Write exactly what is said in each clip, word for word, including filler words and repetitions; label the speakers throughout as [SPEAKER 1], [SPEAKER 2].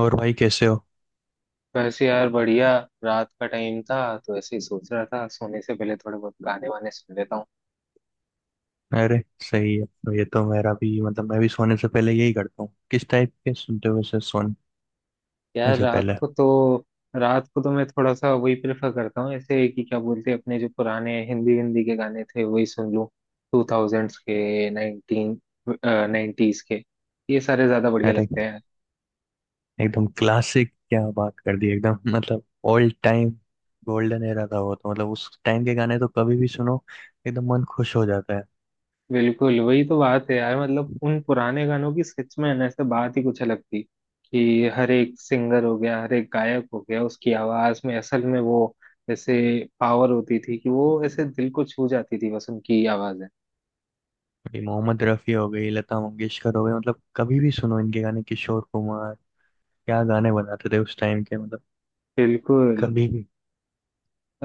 [SPEAKER 1] और भाई कैसे हो।
[SPEAKER 2] वैसे यार बढ़िया। रात का टाइम था तो ऐसे ही सोच रहा था सोने से पहले थोड़े बहुत गाने वाने सुन लेता हूँ।
[SPEAKER 1] अरे सही है। तो ये तो मेरा भी मतलब मैं भी सोने से पहले यही करता हूँ। किस टाइप के सुनते हो वैसे सोने
[SPEAKER 2] यार
[SPEAKER 1] से
[SPEAKER 2] रात
[SPEAKER 1] पहले?
[SPEAKER 2] को तो, रात को तो मैं थोड़ा सा वही प्रेफर करता हूँ ऐसे कि क्या बोलते हैं, अपने जो पुराने हिंदी हिंदी के गाने थे वही सुन लूँ। टू थाउजेंड्स के, नाइनटीन नाइन्टीज के, ये सारे ज्यादा बढ़िया
[SPEAKER 1] अरे
[SPEAKER 2] लगते हैं।
[SPEAKER 1] एकदम क्लासिक, क्या बात कर दी एकदम, मतलब ओल्ड टाइम। गोल्डन एरा था वो तो, मतलब उस टाइम के गाने तो कभी भी सुनो, एकदम मन खुश हो जाता है।
[SPEAKER 2] बिल्कुल वही तो बात है यार, मतलब उन पुराने गानों की सच में ना ऐसे बात ही कुछ अलग थी। कि हर एक सिंगर हो गया, हर एक गायक हो गया, उसकी आवाज में असल में वो ऐसे पावर होती थी कि वो ऐसे दिल को छू जाती थी बस, उनकी आवाजें।
[SPEAKER 1] ये मोहम्मद रफ़ी हो गई, लता मंगेशकर हो गई, मतलब कभी भी सुनो इनके गाने, किशोर कुमार, क्या गाने बनाते थे उस टाइम के मतलब,
[SPEAKER 2] बिल्कुल।
[SPEAKER 1] कभी भी।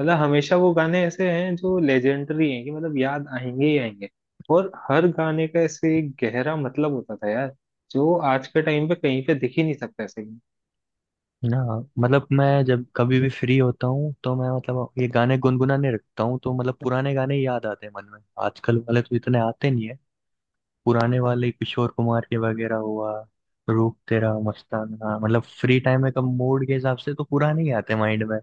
[SPEAKER 2] मतलब हमेशा वो गाने ऐसे हैं जो लेजेंडरी हैं, कि मतलब याद आएंगे ही आएंगे। और हर गाने का ऐसे एक गहरा मतलब होता था यार, जो आज के टाइम पे कहीं पे दिख ही नहीं सकता ऐसे।
[SPEAKER 1] ना, मतलब मैं जब कभी भी फ्री होता हूँ तो मैं मतलब ये गाने गुनगुनाने रखता हूँ, तो मतलब पुराने गाने ही याद आते हैं मन में। आजकल वाले तो इतने आते नहीं है। पुराने वाले किशोर कुमार के वगैरह हुआ, रूप तेरा मस्ताना, मतलब फ्री टाइम में कब मूड के हिसाब से तो पुराने ही आते हैं माइंड में।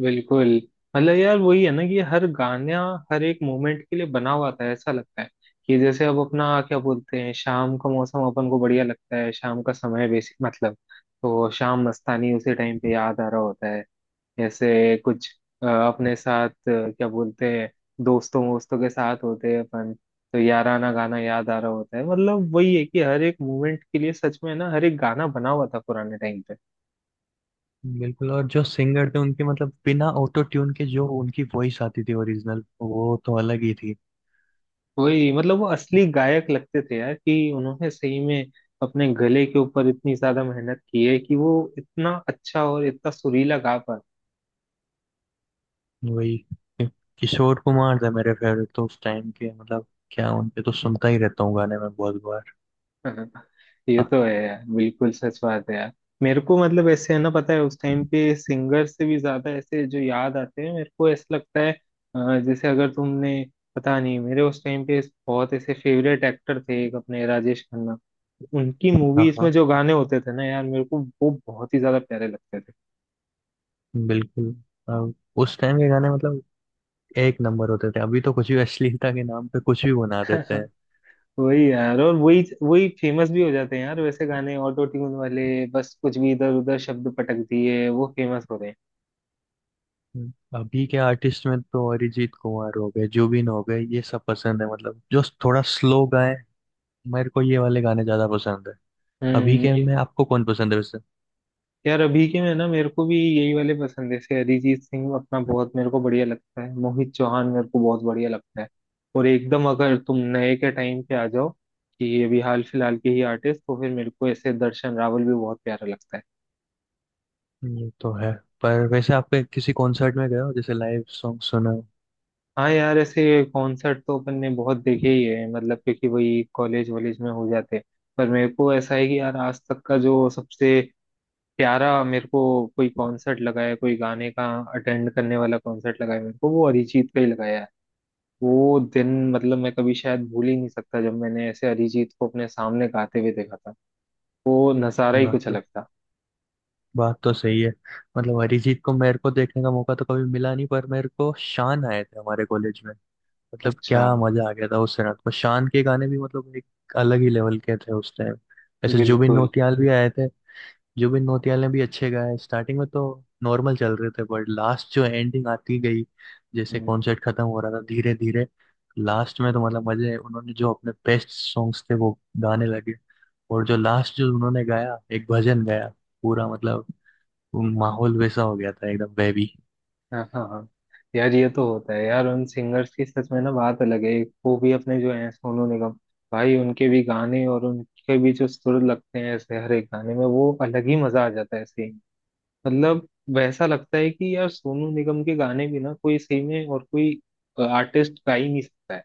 [SPEAKER 2] बिल्कुल। मतलब यार वही है ना कि हर गाना, हर एक मोमेंट के लिए बना हुआ था ऐसा लगता है। कि जैसे अब अपना क्या बोलते हैं, शाम का मौसम अपन को बढ़िया लगता है, शाम का समय बेसिक मतलब, तो शाम मस्तानी उसी टाइम पे याद आ रहा होता है। जैसे कुछ अ, अपने साथ, अ, क्या बोलते हैं, दोस्तों वोस्तों के साथ होते हैं अपन, तो याराना गाना याद आ रहा होता है। मतलब वही है कि हर एक मोमेंट के लिए, सच में ना, हर एक गाना बना हुआ था पुराने टाइम पे।
[SPEAKER 1] बिल्कुल। और जो सिंगर थे उनके मतलब बिना ऑटो ट्यून के जो उनकी वॉइस आती थी ओरिजिनल, वो तो अलग ही थी।
[SPEAKER 2] वही, मतलब वो असली गायक लगते थे यार, कि उन्होंने सही में अपने गले के ऊपर इतनी ज्यादा मेहनत की है कि वो इतना अच्छा और इतना सुरीला गा पाते
[SPEAKER 1] वही किशोर कुमार थे मेरे फेवरेट तो उस टाइम के, मतलब क्या उनके तो सुनता ही रहता हूँ गाने में, बहुत बार।
[SPEAKER 2] हैं। ये
[SPEAKER 1] हाँ
[SPEAKER 2] तो है यार, बिल्कुल सच बात है यार। मेरे को मतलब ऐसे है ना, पता है उस टाइम पे सिंगर से भी ज्यादा ऐसे जो याद आते हैं मेरे को, ऐसा लगता है अ, जैसे अगर तुमने, पता नहीं, मेरे उस टाइम पे बहुत ऐसे फेवरेट एक्टर थे, एक अपने राजेश खन्ना। उनकी
[SPEAKER 1] हाँ
[SPEAKER 2] मूवीज में
[SPEAKER 1] हाँ।
[SPEAKER 2] जो गाने होते थे ना यार, मेरे को वो बहुत ही ज्यादा प्यारे लगते
[SPEAKER 1] बिल्कुल। अब उस टाइम के गाने मतलब एक नंबर होते थे, अभी तो कुछ भी अश्लीलता के नाम पे कुछ भी बना
[SPEAKER 2] थे।
[SPEAKER 1] देते हैं।
[SPEAKER 2] वही यार, और वही वही फेमस भी हो जाते हैं यार वैसे गाने, ऑटो ट्यून वाले, बस कुछ भी इधर उधर शब्द पटक दिए वो फेमस हो रहे हैं।
[SPEAKER 1] हम्म। अभी के आर्टिस्ट में तो अरिजीत कुमार हो गए, जुबिन हो गए, ये सब पसंद है, मतलब जो थोड़ा स्लो गाए, मेरे को ये वाले गाने ज्यादा पसंद है। अभी
[SPEAKER 2] हम्म
[SPEAKER 1] के में
[SPEAKER 2] ये-
[SPEAKER 1] आपको कौन पसंद है वैसे?
[SPEAKER 2] यार अभी के में ना मेरे को भी यही वाले पसंद है, जैसे अरिजीत सिंह अपना बहुत मेरे को बढ़िया लगता है, मोहित चौहान मेरे को बहुत बढ़िया लगता है। और एकदम अगर तुम नए के टाइम पे आ जाओ, कि ये भी हाल फिलहाल के ही आर्टिस्ट, तो फिर मेरे को ऐसे दर्शन रावल भी बहुत प्यारा लगता है।
[SPEAKER 1] ये तो है। पर वैसे आपके किसी कॉन्सर्ट में गए हो, जैसे लाइव सॉन्ग सुना हो?
[SPEAKER 2] हाँ यार, ऐसे कॉन्सर्ट तो अपन ने बहुत देखे ही है, मतलब क्योंकि वही कॉलेज वॉलेज में हो जाते हैं। पर मेरे को ऐसा है कि यार, आज तक का जो सबसे प्यारा मेरे को कोई कॉन्सर्ट लगा है, कोई गाने का अटेंड करने वाला कॉन्सर्ट लगा है, मेरे को वो अरिजीत का ही लगाया है। वो दिन मतलब मैं कभी शायद भूल ही नहीं सकता, जब मैंने ऐसे अरिजीत को अपने सामने गाते हुए देखा था, वो नज़ारा ही
[SPEAKER 1] बात
[SPEAKER 2] कुछ
[SPEAKER 1] तो
[SPEAKER 2] अलग था।
[SPEAKER 1] बात तो सही है। मतलब अरिजीत को मेरे को देखने का मौका तो कभी मिला नहीं, पर मेरे को शान आए थे हमारे कॉलेज में, मतलब
[SPEAKER 2] अच्छा।
[SPEAKER 1] क्या मजा आ गया था उस रात को। शान के गाने भी मतलब एक अलग ही लेवल के थे उस टाइम। ऐसे जुबिन
[SPEAKER 2] बिल्कुल।
[SPEAKER 1] नौटियाल भी आए थे। जुबिन नौटियाल ने भी अच्छे गाए, स्टार्टिंग में तो नॉर्मल चल रहे थे, बट लास्ट जो एंडिंग आती गई, जैसे
[SPEAKER 2] हम्म।
[SPEAKER 1] कॉन्सर्ट खत्म हो रहा था धीरे धीरे, लास्ट में तो मतलब मजे, उन्होंने जो अपने बेस्ट सॉन्ग्स थे वो गाने लगे। और जो लास्ट जो उन्होंने गाया, एक भजन गाया पूरा, मतलब वो माहौल वैसा हो गया था एकदम बेबी।
[SPEAKER 2] हाँ हाँ हाँ। यार ये तो होता है यार, उन सिंगर्स की सच में ना बात अलग है। एक वो भी अपने जो हैं सोनू निगम, भाई उनके भी गाने, और उनके भी जो सुर लगते हैं ऐसे हर एक गाने में, वो अलग ही मजा आ जाता है ऐसे ही। मतलब वैसा लगता है कि यार, सोनू निगम के गाने भी ना, कोई सही में और कोई आर्टिस्ट गा ही नहीं सकता है।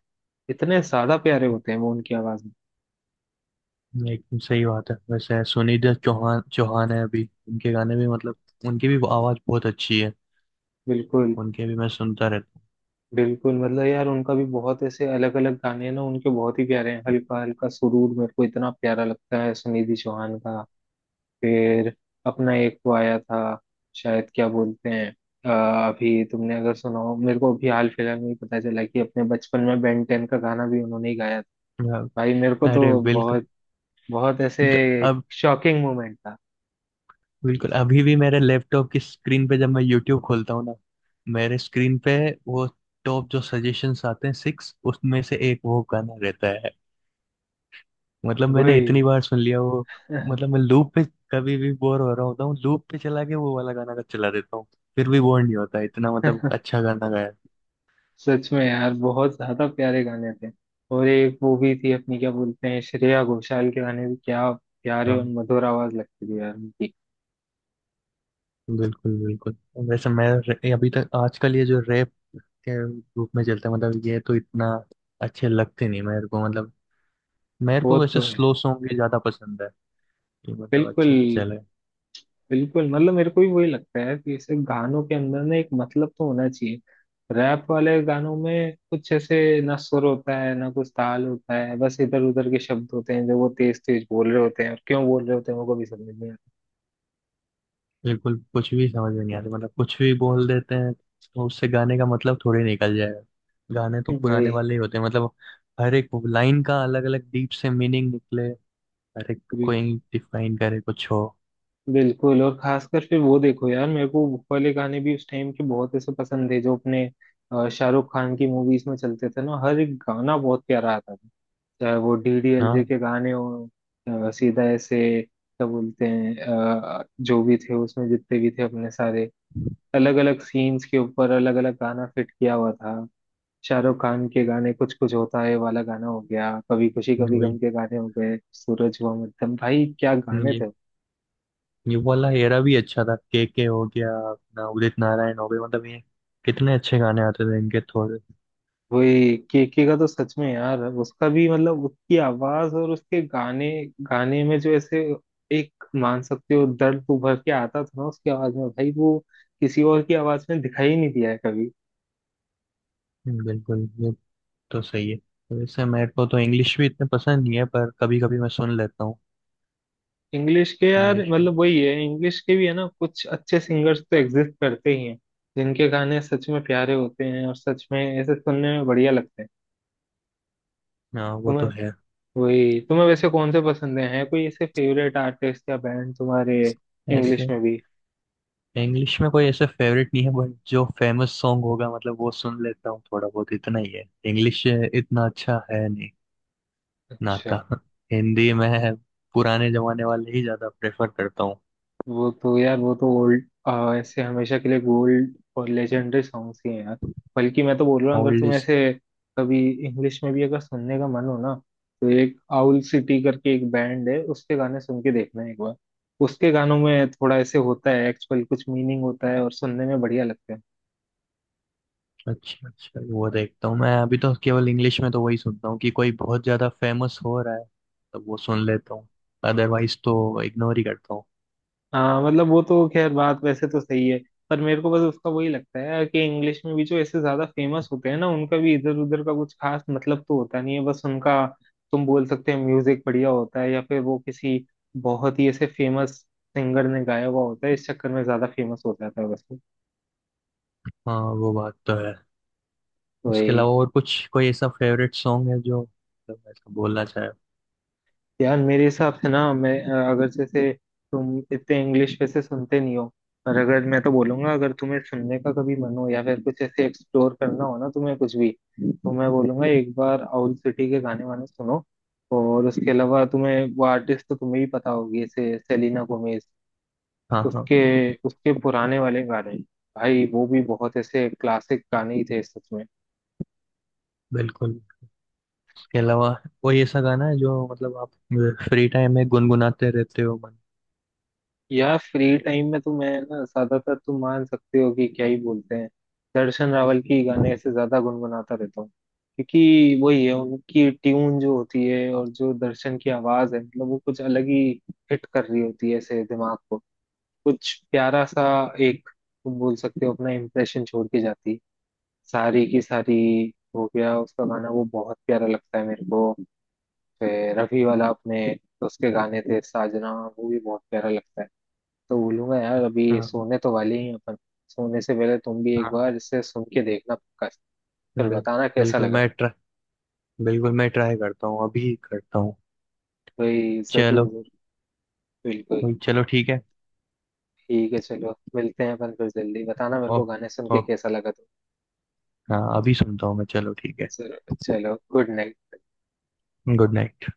[SPEAKER 2] इतने ज्यादा प्यारे होते हैं वो उनकी आवाज में।
[SPEAKER 1] एकदम सही बात है। वैसे सुनिधि चौहान चौहान है अभी, उनके गाने भी मतलब उनकी भी आवाज बहुत अच्छी है,
[SPEAKER 2] बिल्कुल
[SPEAKER 1] उनके भी मैं सुनता रहता
[SPEAKER 2] बिल्कुल। मतलब यार उनका भी बहुत ऐसे अलग अलग गाने हैं ना, उनके बहुत ही प्यारे हैं। हल्का हल्का सुरूर मेरे को इतना प्यारा लगता है, सुनिधि चौहान का। फिर अपना एक वो आया था शायद, क्या बोलते हैं, अ, अभी तुमने अगर सुना हो, मेरे को अभी हाल फिलहाल में ही पता चला, कि अपने बचपन में बेन टेन का गाना भी उन्होंने ही गाया था।
[SPEAKER 1] हूँ।
[SPEAKER 2] भाई मेरे को
[SPEAKER 1] अरे
[SPEAKER 2] तो
[SPEAKER 1] बिल्कुल।
[SPEAKER 2] बहुत बहुत ऐसे
[SPEAKER 1] ज- अब
[SPEAKER 2] शॉकिंग मोमेंट था।
[SPEAKER 1] बिल्कुल, अभी भी मेरे लैपटॉप की स्क्रीन पे जब मैं यूट्यूब खोलता हूँ ना, मेरे स्क्रीन पे वो टॉप जो सजेशंस आते हैं सिक्स, उसमें से एक वो गाना रहता है। मतलब मैंने
[SPEAKER 2] वही।
[SPEAKER 1] इतनी बार सुन लिया वो। मतलब मैं लूप पे, कभी भी बोर हो रहा होता हूँ लूप पे चला के वो वाला गाना का चला देता हूँ, फिर भी बोर नहीं होता इतना, मतलब अच्छा गाना गाया।
[SPEAKER 2] सच में यार बहुत ज्यादा प्यारे गाने थे। और एक वो भी थी अपनी, क्या बोलते हैं, श्रेया घोषाल के गाने भी, क्या प्यारे और
[SPEAKER 1] हाँ।
[SPEAKER 2] मधुर आवाज लगती थी यार उनकी।
[SPEAKER 1] बिल्कुल बिल्कुल। वैसे मैं रे- अभी तक आजकल ये जो रैप के रूप में चलता है, मतलब ये तो इतना अच्छे लगते नहीं मेरे को। मतलब मेरे
[SPEAKER 2] वो
[SPEAKER 1] को
[SPEAKER 2] तो
[SPEAKER 1] वैसे
[SPEAKER 2] है।
[SPEAKER 1] स्लो सॉन्ग ही ज्यादा पसंद है, कि मतलब
[SPEAKER 2] बिल्कुल
[SPEAKER 1] अच्छे से चले।
[SPEAKER 2] बिल्कुल। मतलब मेरे को भी वही लगता है कि ऐसे गानों के अंदर ना एक मतलब तो होना चाहिए। रैप वाले गानों में कुछ ऐसे ना सुर होता है, ना कुछ ताल होता है, बस इधर उधर के शब्द होते हैं जो वो तेज तेज बोल रहे होते हैं, और क्यों बोल रहे होते हैं वो कभी समझ नहीं आता
[SPEAKER 1] बिल्कुल, कुछ भी समझ में नहीं आता। मतलब कुछ भी बोल देते हैं तो उससे गाने का मतलब थोड़े निकल जाएगा। गाने तो पुराने
[SPEAKER 2] भाई।
[SPEAKER 1] वाले ही होते हैं, मतलब हर एक लाइन का अलग अलग डीप से मीनिंग निकले, हर एक
[SPEAKER 2] बिल-
[SPEAKER 1] कोई डिफाइन करे, कुछ हो।
[SPEAKER 2] बिल्कुल और खासकर फिर वो देखो यार, मेरे को वो वाले गाने भी उस टाइम के बहुत ऐसे पसंद थे, जो अपने अ, शाहरुख खान की मूवीज में चलते थे ना, हर एक गाना बहुत प्यारा आता था। चाहे वो डीडीएलजे
[SPEAKER 1] हाँ
[SPEAKER 2] के गाने हो, अ, सीधा ऐसे क्या बोलते हैं, अ, जो भी थे उसमें जितने भी थे अपने सारे, अलग अलग सीन्स के ऊपर अलग अलग गाना फिट किया हुआ था। शाहरुख खान के गाने, कुछ कुछ होता है वाला गाना हो गया, कभी खुशी कभी
[SPEAKER 1] वही
[SPEAKER 2] गम के गाने हो गए, सूरज हुआ मध्यम, भाई क्या गाने
[SPEAKER 1] ये
[SPEAKER 2] थे।
[SPEAKER 1] ये वाला एरा भी अच्छा था, के के हो गया अपना, उदित नारायण हो गए, मतलब ये कितने अच्छे गाने आते थे इनके थोड़े।
[SPEAKER 2] वही, केके का तो सच में यार, उसका भी मतलब उसकी आवाज और उसके गाने, गाने में जो ऐसे एक मान सकते हो दर्द तो उभर के आता था ना उसकी आवाज में भाई, वो किसी और की आवाज में दिखाई नहीं दिया है कभी।
[SPEAKER 1] हम्म, बिल्कुल, ये तो सही है। वैसे मेरे को तो इंग्लिश भी इतने पसंद नहीं है, पर कभी कभी मैं सुन लेता हूँ
[SPEAKER 2] इंग्लिश के यार,
[SPEAKER 1] इंग्लिश में।
[SPEAKER 2] मतलब वही है, इंग्लिश के भी है ना कुछ अच्छे सिंगर्स तो एग्जिस्ट करते ही हैं, जिनके गाने सच में प्यारे होते हैं और सच में ऐसे सुनने में बढ़िया लगते हैं।
[SPEAKER 1] हाँ वो तो
[SPEAKER 2] तुम्हें,
[SPEAKER 1] है।
[SPEAKER 2] वही तुम्हें वैसे कौन से पसंद हैं, है कोई ऐसे फेवरेट आर्टिस्ट या बैंड तुम्हारे इंग्लिश
[SPEAKER 1] ऐसे
[SPEAKER 2] में भी?
[SPEAKER 1] इंग्लिश में कोई ऐसे फेवरेट नहीं है, बट जो फेमस सॉन्ग होगा मतलब वो सुन लेता हूँ थोड़ा बहुत, इतना ही है। इंग्लिश इतना अच्छा है नहीं नाता
[SPEAKER 2] अच्छा।
[SPEAKER 1] हिंदी में पुराने जमाने वाले ही ज्यादा प्रेफर करता हूँ
[SPEAKER 2] वो तो यार, वो तो ओल्ड ऐसे हमेशा के लिए गोल्ड और लेजेंडरी सॉन्ग्स ही हैं यार। बल्कि मैं तो बोल रहा हूँ, अगर
[SPEAKER 1] ओल्ड।
[SPEAKER 2] तुम ऐसे कभी इंग्लिश में भी अगर सुनने का मन हो ना, तो एक आउल सिटी करके एक बैंड है, उसके गाने सुन के देखना एक बार। उसके गानों में थोड़ा ऐसे होता है, एक्चुअल कुछ मीनिंग होता है, और सुनने में बढ़िया लगता है।
[SPEAKER 1] अच्छा अच्छा, वो देखता हूँ मैं। अभी तो केवल इंग्लिश में तो वही सुनता हूँ कि कोई बहुत ज्यादा फेमस हो रहा है तो वो सुन लेता हूँ, अदरवाइज तो इग्नोर ही करता हूँ।
[SPEAKER 2] हाँ, मतलब वो तो खैर बात वैसे तो सही है। पर मेरे को बस उसका वही लगता है कि इंग्लिश में भी जो ऐसे ज्यादा फेमस होते हैं ना, उनका भी इधर उधर का कुछ खास मतलब तो होता नहीं है, बस उनका, तुम बोल सकते हैं, म्यूजिक बढ़िया होता है, या फिर वो किसी बहुत ही ऐसे फेमस सिंगर ने गाया हुआ होता है, इस चक्कर में ज्यादा फेमस हो जाता है बस।
[SPEAKER 1] हाँ वो बात तो है। उसके
[SPEAKER 2] वही
[SPEAKER 1] अलावा और कुछ कोई ऐसा फेवरेट सॉन्ग है जो मतलब ऐसा बोलना चाहे?
[SPEAKER 2] यार, मेरे हिसाब से ना मैं, अ, अगर जैसे तुम इतने इंग्लिश वैसे सुनते नहीं हो, पर अगर मैं तो बोलूंगा, अगर तुम्हें सुनने का कभी मन हो या फिर कुछ ऐसे एक्सप्लोर करना हो ना तुम्हें कुछ भी, तो मैं बोलूंगा एक बार आउल सिटी के गाने वाने सुनो। और उसके अलावा तुम्हें वो आर्टिस्ट तो तुम्हें भी पता होगी, जैसे सेलिना गोमेज।
[SPEAKER 1] हाँ हाँ।
[SPEAKER 2] उसके उसके पुराने वाले गाने, भाई वो भी बहुत ऐसे क्लासिक गाने ही थे सच में।
[SPEAKER 1] बिल्कुल। उसके अलावा कोई ऐसा गाना है जो मतलब आप फ्री टाइम में गुनगुनाते रहते हो मन?
[SPEAKER 2] यार फ्री टाइम में तो मैं ना, ज्यादातर तुम मान सकते हो कि क्या ही बोलते हैं, दर्शन रावल की गाने से ज्यादा गुनगुनाता रहता हूँ। क्योंकि वही है, उनकी ट्यून जो होती है और जो दर्शन की आवाज है, मतलब वो कुछ अलग ही हिट कर रही होती है ऐसे दिमाग को, कुछ प्यारा सा एक, तुम बोल सकते हो, अपना इम्प्रेशन छोड़ के जाती है। सारी की सारी हो गया उसका गाना, वो बहुत प्यारा लगता है मेरे को। फिर रफी वाला अपने, तो उसके गाने थे साजना, वो भी बहुत प्यारा लगता है। तो बोलूंगा यार, अभी
[SPEAKER 1] हाँ
[SPEAKER 2] सोने तो वाले ही हैं अपन, सोने से पहले तुम भी एक
[SPEAKER 1] हाँ।
[SPEAKER 2] बार इसे सुन के देखना पक्का। फिर
[SPEAKER 1] बिल्कुल,
[SPEAKER 2] बताना कैसा
[SPEAKER 1] बिल्कुल
[SPEAKER 2] लगा।
[SPEAKER 1] मैं ट्राई बिल्कुल मैं ट्राई करता हूँ, अभी करता हूँ।
[SPEAKER 2] भाई जरूर
[SPEAKER 1] चलो,
[SPEAKER 2] जरूर। बिल्कुल।
[SPEAKER 1] चलो ठीक है।
[SPEAKER 2] ठीक है, चलो मिलते हैं अपन फिर, जल्दी बताना मेरे को
[SPEAKER 1] ओ-
[SPEAKER 2] गाने सुन के
[SPEAKER 1] ओके।
[SPEAKER 2] कैसा लगा तुम।
[SPEAKER 1] हाँ अभी सुनता हूँ मैं, चलो ठीक है।
[SPEAKER 2] जरूर, चलो गुड नाइट।
[SPEAKER 1] Good night.